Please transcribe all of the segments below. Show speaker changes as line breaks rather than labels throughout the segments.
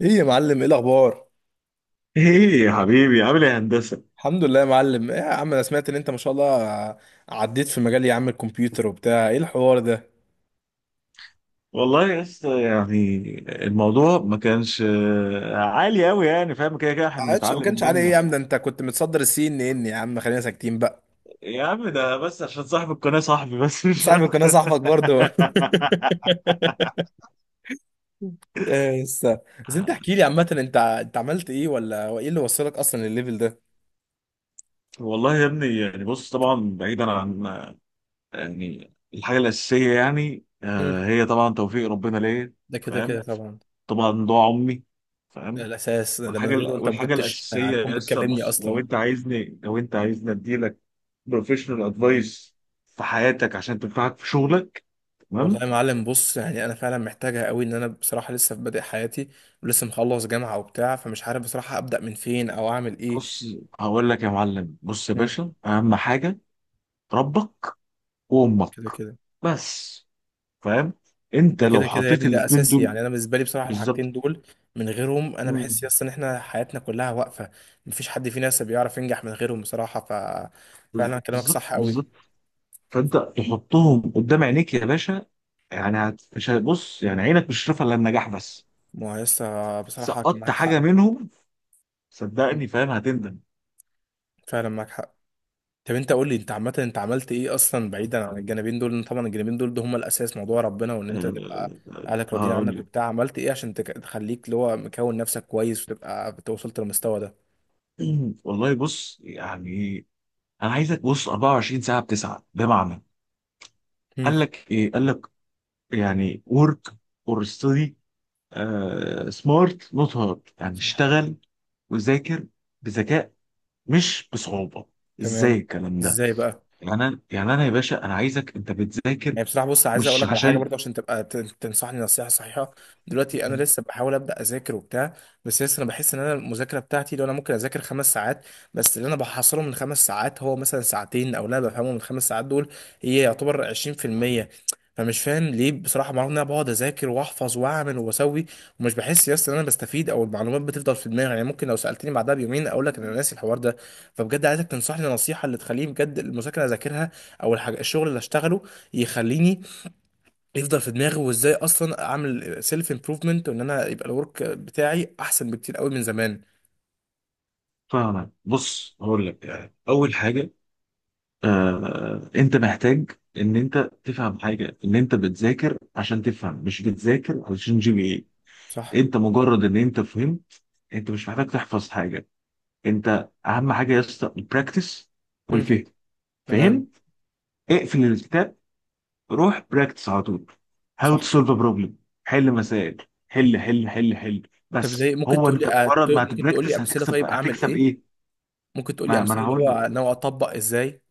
ايه يا معلم، ايه الاخبار؟
ايه يا حبيبي، عامل ايه يا هندسه؟
الحمد لله يا معلم. ايه يا عم، انا سمعت ان انت ما شاء الله عديت في مجال يا عم الكمبيوتر وبتاع ايه الحوار ده؟
والله يا اسطى يعني الموضوع ما كانش عالي قوي، يعني فاهم. كده كده احنا
عادش ما
بنتعلم
كانش عليه ايه يا
منك.
عم؟ ده انت كنت متصدر السي ان ان يا عم، خلينا ساكتين بقى.
يا عم ده بس عشان صاحب القناه صاحبي، بس مش
صاحبي كنا
اكتر.
صاحبك برضه إيه بس. بس انت احكي لي عامه، انت انت عملت ايه، ولا هو ايه اللي وصلك اصلا للليفل ده؟
والله يا ابني، يعني بص طبعا بعيدا عن يعني الحاجه الاساسيه، يعني
مم.
هي طبعا توفيق ربنا ليا.
ده كده كده
فاهم.
طبعا.
طبعا دعاء امي.
ده
فاهم.
الاساس، ده من
والحاجه
غيره انت ما
والحاجه
كنتش
الاساسيه
هتكون
يا اسطى،
بتكلمني
بص، لو
اصلا.
انت عايزني لو انت عايزني اديلك بروفيشنال ادفايس في حياتك عشان تنفعك في شغلك.
والله
تمام.
يا معلم بص، يعني انا فعلا محتاجها قوي، ان انا بصراحه لسه في بادئ حياتي. ولسه مخلص جامعه وبتاع، فمش عارف بصراحه ابدا من فين او اعمل ايه.
بص هقول لك يا معلم، بص يا
مم.
باشا، اهم حاجه ربك وامك،
كده كده.
بس. فاهم. انت
ده
لو
كده كده يا
حطيت
ابني، ده
الاثنين
اساسي،
دول
يعني انا بالنسبه لي بصراحه الحاجتين
بالظبط.
دول من غيرهم انا
مم.
بحس يس ان احنا حياتنا كلها واقفه. مفيش حد فينا لسه بيعرف ينجح من غيرهم بصراحه، فعلا كلامك
بالظبط،
صح قوي.
بالظبط. فانت تحطهم قدام عينيك يا باشا. يعني مش هتبص، يعني عينك مش شايفه الا النجاح بس.
ما هو لسه بصراحه كان
سقطت
معاك
حاجه
حق.
منهم
مم.
صدقني، فاهم، هتندم.
فعلا معاك حق. طب انت قول لي، انت عامه انت عملت ايه اصلا بعيدا عن الجانبين دول؟ لأن طبعا الجانبين دول ده هم الاساس، موضوع ربنا، وان انت
آه،
تبقى اهلك راضيين
هقول
عنك
لك.
وبتاع. عملت ايه عشان تخليك اللي هو مكون نفسك كويس، وتبقى وصلت للمستوى ده؟
والله بص يعني انا عايزك بص 24 ساعه بتسعه، بمعنى
امم.
قال لك ايه، قال لك يعني ورك اور ستدي، سمارت نوت هارد. يعني
صح.
اشتغل وذاكر بذكاء، مش بصعوبه. ازاي
تمام.
الكلام ده؟
ازاي بقى؟
يعني انا يا باشا، انا عايزك انت بتذاكر،
يعني بصراحة بص، عايز اقول
مش
لك على حاجة
عشان.
برضه عشان تبقى تنصحني نصيحة صحيحة. دلوقتي انا لسه بحاول ابدا اذاكر وبتاع. بس لسه انا بحس ان انا المذاكرة بتاعتي، لو انا ممكن اذاكر 5 ساعات، بس اللي انا بحصله من 5 ساعات هو مثلا ساعتين، او لا بفهمه من 5 ساعات دول هي يعتبر 20%. فمش فاهم ليه بصراحة معلومة، ان انا بقعد اذاكر واحفظ واعمل واسوي، ومش بحس يا اسطى ان انا بستفيد، او المعلومات بتفضل في دماغي، يعني ممكن لو سألتني بعدها بيومين اقول لك انا ناسي الحوار ده. فبجد عايزك تنصحني نصيحة اللي تخليني بجد المذاكرة اذاكرها، او الحاجة الشغل اللي اشتغله يخليني يفضل في دماغي، وازاي اصلا اعمل سيلف امبروفمنت، وان انا يبقى الورك بتاعي احسن بكتير قوي من زمان.
فاهمك. بص هقول لك يعني اول حاجه، انت محتاج ان انت تفهم حاجه، ان انت بتذاكر عشان تفهم، مش بتذاكر علشان جي بي
صح.
ايه. انت مجرد ان انت فهمت، انت مش محتاج تحفظ حاجه. انت اهم حاجه يا اسطى البراكتس
مم.
والفهم.
تمام.
فهم، اقفل الكتاب، روح براكتس على طول. هاو
صح.
تو سولف بروبلم، حل
مم.
مسائل. حل حل حل حل.
طب زي
بس
ممكن
هو
تقول لي،
انت مجرد ما
ممكن تقول لي
هتبراكتس
امثله،
هتكسب
طيب اعمل
هتكسب
ايه؟
ايه.
ممكن تقول لي
ما
امثله
انا
اللي
هقول
هو
لك،
ناوي اطبق ازاي؟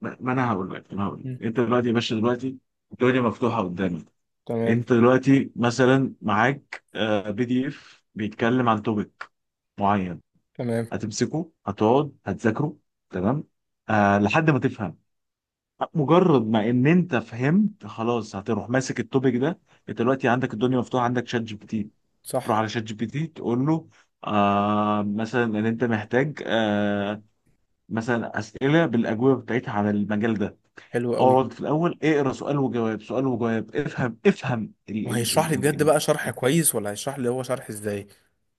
ما انا هقول لك، ما انا هقول
مم.
لك، انت دلوقتي يا باشا، دلوقتي الدنيا مفتوحه قدامك.
تمام.
انت دلوقتي مثلا معاك بي دي اف بيتكلم عن توبيك معين،
تمام.
هتمسكه، هتقعد هتذاكره. تمام، آه، لحد ما تفهم. مجرد ما ان انت فهمت، خلاص، هتروح ماسك التوبيك ده. انت دلوقتي عندك الدنيا مفتوحه، عندك شات جي بي تي.
صح.
تروح على شات جي بي تي تقول له مثلا ان انت محتاج مثلا اسئله بالاجوبه بتاعتها عن المجال ده.
حلو قوي.
اقعد في الاول، اقرا سؤال وجواب، سؤال وجواب، افهم ال ال
وهيشرح لي
ال
بجد بقى شرح
ال
كويس، ولا هيشرح لي هو شرح ازاي؟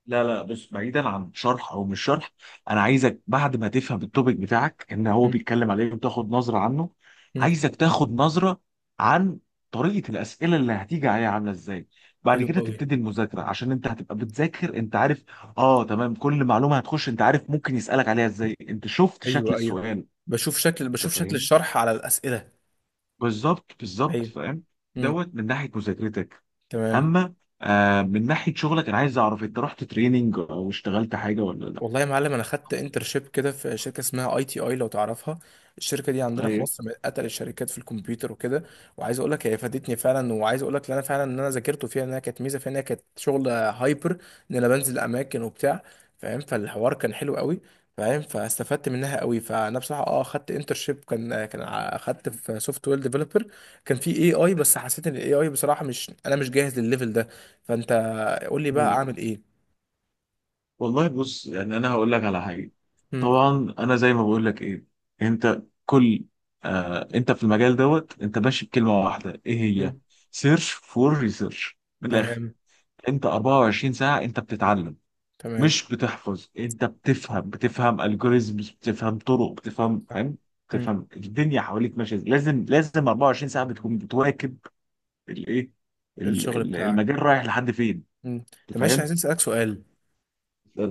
لا لا، بص، بعيدا عن شرح او مش شرح. انا عايزك بعد ما تفهم التوبيك بتاعك ان هو
مم.
بيتكلم عليه، وتاخد نظره عنه.
مم.
عايزك تاخد نظره عن طريقه الاسئله اللي هتيجي عليها عامله ازاي. بعد
حلو
كده
قوي.
تبتدي المذاكره عشان انت هتبقى بتذاكر انت عارف. اه تمام، كل معلومه هتخش انت عارف ممكن يسالك عليها ازاي، انت شفت شكل
ايوه ايوه،
السؤال.
بشوف شكل
انت
بشوف شكل
فاهمني؟
الشرح على الاسئله.
بالظبط، بالظبط
ايوه.
فاهم.
مم.
دوت من ناحيه مذاكرتك.
تمام.
اما من ناحيه شغلك، انا عايز اعرف انت رحت تريننج او اشتغلت حاجه ولا
والله يا معلم، انا خدت انترشيب كده في شركه اسمها اي تي اي، لو تعرفها. الشركه دي عندنا في
لا.
مصر من اتقل الشركات في الكمبيوتر وكده. وعايز اقول لك هي فادتني فعلا، وعايز اقول لك ان انا فعلا ان انا ذاكرته فيها، انها كانت ميزه فيها انها كانت شغل هايبر، ان انا بنزل اماكن وبتاع. فاهم، فالحوار كان حلو قوي. فاهم، فاستفدت منها قوي. فانا بصراحه خدت انترشيب، خدت في سوفت وير ديفلوبر. كان في اي اي، بس حسيت ان الاي اي بصراحه، مش انا مش جاهز للليفل ده. فانت قول لي بقى
مم.
اعمل ايه؟
والله بص يعني انا هقول لك على حاجه.
مم.
طبعا انا زي ما بقول لك ايه، انت كل انت في المجال دوت، انت ماشي بكلمه واحده، ايه هي؟
مم.
سيرش فور ريسيرش، من الاخر.
تمام.
انت 24 ساعه انت بتتعلم،
تمام.
مش بتحفظ. انت بتفهم الجوريزمز، بتفهم طرق، بتفهم،
صح.
فاهم،
مم.
بتفهم الدنيا حواليك ماشيه إزاي. لازم لازم 24 ساعه بتكون بتواكب الايه،
الشغل بتاعك.
المجال رايح لحد فين.
مم.
انت
طب معلش
فاهم؟
عايزين اسالك سؤال.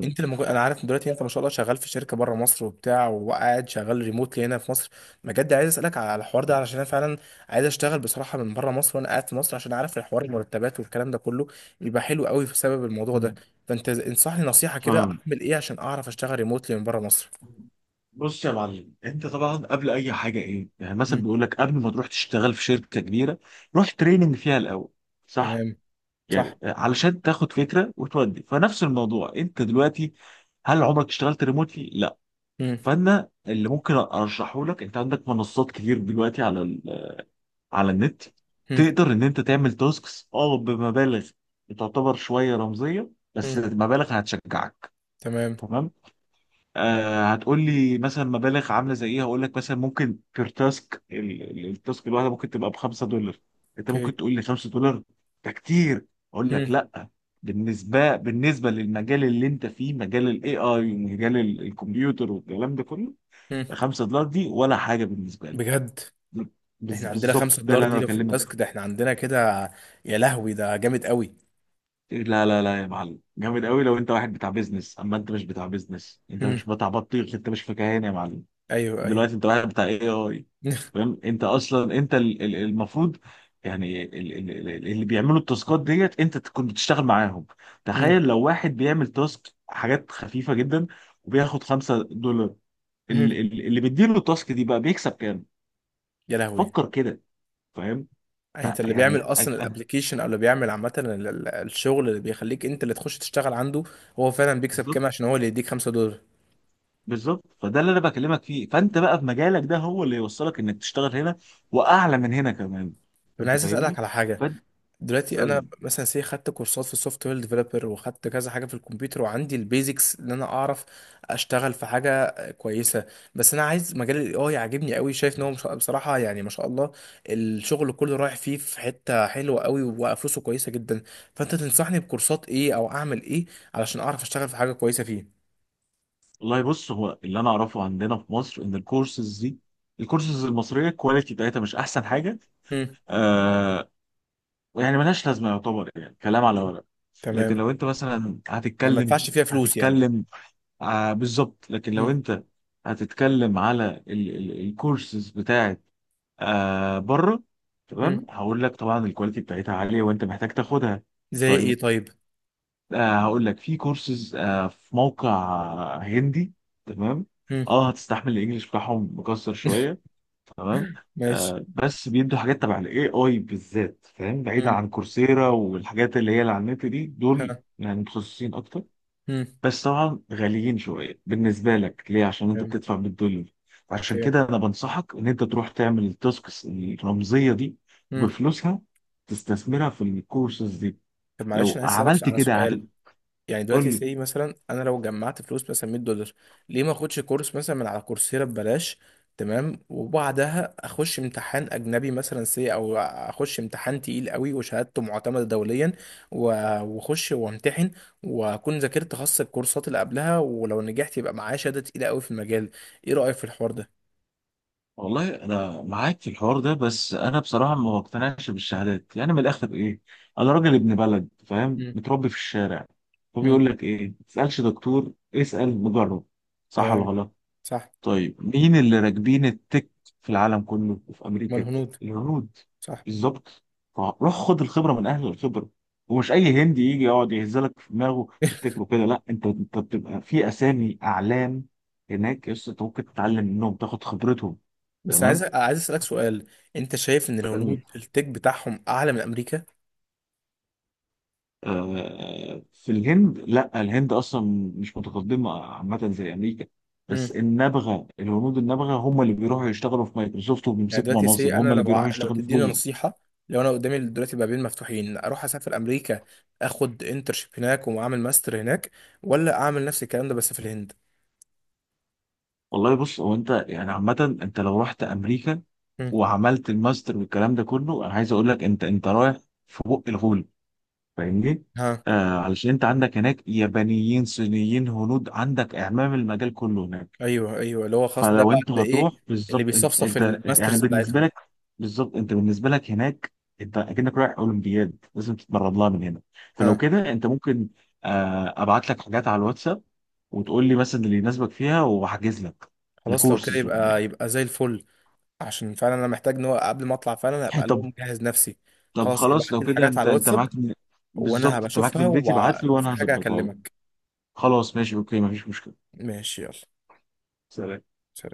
انا عارف إن دلوقتي انت ما شاء الله شغال في شركه بره مصر وبتاع، وقاعد شغال ريموتلي هنا في مصر. بجد عايز اسالك على الحوار ده، علشان انا فعلا عايز اشتغل بصراحه من بره مصر وانا قاعد في مصر، عشان اعرف الحوار المرتبات والكلام ده كله بيبقى حلو قوي بسبب الموضوع ده.
مم.
فانت انصحني نصيحه كده،
فاهم.
اعمل ايه عشان اعرف اشتغل ريموتلي من بره مصر؟
بص يا معلم، انت طبعا قبل اي حاجه ايه، يعني
مم.
مثلا بيقول لك قبل ما تروح تشتغل في شركه كبيره، روح تريننج فيها الاول. صح؟
تمام. صح.
يعني علشان تاخد فكره، وتودي فنفس الموضوع انت دلوقتي. هل عمرك اشتغلت ريموتلي؟ لا.
مم.
فانا اللي ممكن ارشحه لك، انت عندك منصات كتير دلوقتي على على النت.
مم.
تقدر ان انت تعمل تاسكس بمبالغ تعتبر شويه رمزيه، بس
مم.
مبالغ هتشجعك.
تمام.
تمام. هتقول لي مثلا مبالغ عامله زي ايه؟ هقول لك مثلا ممكن بير تاسك، التاسك الواحده ممكن تبقى ب 5 دولار. انت
اوكي.
ممكن تقول لي 5 دولار ده كتير، اقول
مم.
لك لا. بالنسبه للمجال اللي انت فيه، مجال الاي اي ومجال الكمبيوتر والكلام ده كله،
مم.
5 دولار دي ولا حاجه بالنسبه لي.
بجد؟ احنا عندنا
بالظبط،
خمسة
ده
دولار
اللي
دي
انا
لو في
بكلمك
التاسك
فيه.
ده احنا عندنا كده؟ يا لهوي ده جامد قوي.
لا لا لا يا معلم، جامد قوي لو انت واحد بتاع بيزنس، اما انت مش بتاع بيزنس، انت
هم.
مش بتاع بطيخ، انت مش فكهان يا معلم.
ايوه ايوه.
دلوقتي انت واحد بتاع اي اي، فاهم. انت اصلا انت المفروض يعني اللي بيعملوا التاسكات ديت انت تكون بتشتغل معاهم. تخيل
هم.
لو واحد بيعمل تاسك حاجات خفيفه جدا وبياخد 5 دولار،
هم.
اللي بيديله التاسك دي بقى بيكسب كام؟
يا لهوي.
فكر كده، فاهم.
يعني انت اللي بيعمل
فيعني
اصلا
أج- أج-
الابليكيشن، او اللي بيعمل عامة الشغل اللي بيخليك انت اللي تخش تشتغل عنده، هو فعلا بيكسب
بالظبط،
كام عشان هو اللي يديك 5 دولار؟
بالظبط، فده اللي انا بكلمك فيه. فانت بقى في مجالك ده هو اللي يوصلك انك تشتغل هنا، واعلى من هنا كمان.
طب انا
انت
عايز اسألك
فاهمني؟
على حاجة. دلوقتي انا
فاسالني.
مثلا سي خدت كورسات في السوفت وير ديفلوبر، وخدت كذا حاجه في الكمبيوتر، وعندي البيزكس ان انا اعرف اشتغل في حاجه كويسه. بس انا عايز مجال الاي اي عاجبني قوي، شايف ان هو بصراحه، يعني ما شاء الله، الشغل كله رايح فيه في حته حلوه قوي، وفلوسه كويسه جدا. فانت تنصحني بكورسات ايه، او اعمل ايه علشان اعرف اشتغل في حاجه كويسه فيه؟
والله بص، هو اللي انا اعرفه عندنا في مصر ان الكورسز دي، الكورسز المصريه، الكواليتي بتاعتها مش احسن حاجه،
امم.
آه يعني ملهاش لازمه، يعتبر يعني كلام على ورق. لكن
تمام.
لو انت مثلا
يعني ما
هتتكلم
ادفعش فيها فلوس يعني؟
هتتكلم آه، بالظبط، لكن لو
امم.
انت هتتكلم على الكورسز بتاعت آه، بره، تمام،
امم.
هقول لك طبعا الكواليتي بتاعتها عاليه، وانت محتاج تاخدها.
زي ايه
طيب
طيب؟
هقول لك في كورسز في موقع هندي. تمام،
امم.
اه هتستحمل الانجليش بتاعهم مكسر شويه. تمام.
ماشي.
بس بيدوا حاجات تبع الاي اي بالذات، فاهم، بعيدا
امم.
عن كورسيرا والحاجات اللي هي اللي على النت دي، دول
ها.
يعني متخصصين اكتر.
امم.
بس طبعا غاليين شويه بالنسبه لك، ليه؟ عشان انت
تمام.
بتدفع بالدولار. عشان
اوكي.
كده انا بنصحك ان انت تروح تعمل التاسكس الرمزيه دي
مم.
بفلوسها تستثمرها في الكورسز دي.
طب معلش
لو
انا عايز اسالك
عملت
على
كده
سؤال.
هتبقى.
يعني
قول
دلوقتي
لي.
سي مثلا، انا لو جمعت فلوس مثلا 100 دولار، ليه ما اخدش كورس مثلا من على كورسيرا ببلاش؟ تمام، وبعدها اخش امتحان اجنبي مثلا سي، او اخش امتحان تقيل قوي وشهادته معتمده دوليا، و- واخش وامتحن، واكون ذاكرت خاص الكورسات اللي قبلها، ولو نجحت يبقى معايا شهاده تقيله قوي في المجال. ايه رايك في الحوار ده؟
والله انا معاك في الحوار ده، بس انا بصراحه ما بقتنعش بالشهادات، يعني من الاخر ايه، انا راجل ابن بلد، فاهم،
مم.
متربي في الشارع.
مم.
فبيقول لك ايه، ما تسالش دكتور، اسال مجرب. صح ولا
تمام.
غلط؟
صح.
طيب مين اللي راكبين التك في العالم كله وفي
ما
امريكا؟
الهنود.
الهنود.
صح.
بالظبط. روح خد الخبره من اهل الخبره. ومش
مم.
اي هندي يجي يقعد يهزلك في دماغه تفتكره كده، لا، انت بتبقى في اسامي اعلام هناك، يس. انت ممكن تتعلم منهم، تاخد خبرتهم.
بس عايز
تمام.
عايز اسالك سؤال. انت شايف ان
مم.
الهنود التك بتاعهم اعلى من امريكا؟
آه، في الهند، لا، الهند اصلا مش متقدمه عامه زي امريكا،
امم.
بس النبغه، الهنود النبغه، هم اللي بيروحوا يشتغلوا في مايكروسوفت
يعني
وبيمسكوا
دلوقتي
مناصب،
سي انا
هم اللي
لو
بيروحوا
لو
يشتغلوا في
تديني
جوجل.
نصيحه، لو انا قدامي دلوقتي بابين مفتوحين، اروح اسافر امريكا، اخد انترشيب هناك واعمل ماستر هناك، ولا اعمل نفس الكلام ده بس في الهند؟
والله بص، هو انت يعني عامة انت لو رحت امريكا
امم.
وعملت الماستر والكلام ده كله، انا عايز اقول لك انت رايح في بق الغول. فاهمني؟
ها.
آه، علشان انت عندك هناك يابانيين، صينيين، هنود، عندك اعمام المجال كله هناك.
ايوه ايوه، اللي هو خاص ده
فلو
بقى
انت
اللي ايه،
هتروح
اللي
بالظبط، انت
بيصفصف
انت يعني
الماسترز
بالنسبة
بتاعتهم.
لك، بالظبط، انت بالنسبة لك هناك انت اكنك رايح اولمبياد، لازم تتمرن لها من هنا. فلو
ها.
كده انت ممكن ابعت لك حاجات على الواتساب وتقول لي مثلا اللي يناسبك فيها وهحجز لك
خلاص لو كده
الكورسز.
يبقى زي الفل. عشان فعلا انا محتاج ان هو قبل ما اطلع فعلا
يعني
ابقى لو
طب،
مجهز نفسي.
طب
خلاص
خلاص
ابعت
لو
لي
كده
الحاجات
انت
على
انت
الواتساب،
معاك
وانا
بالظبط، انت معاك
هبشوفها،
نجريتي، ابعت لي
لو في
وانا
حاجة
هظبطها لك.
هكلمك.
خلاص ماشي، اوكي، مفيش مشكلة.
ماشي يلا.
سلام.
سلام.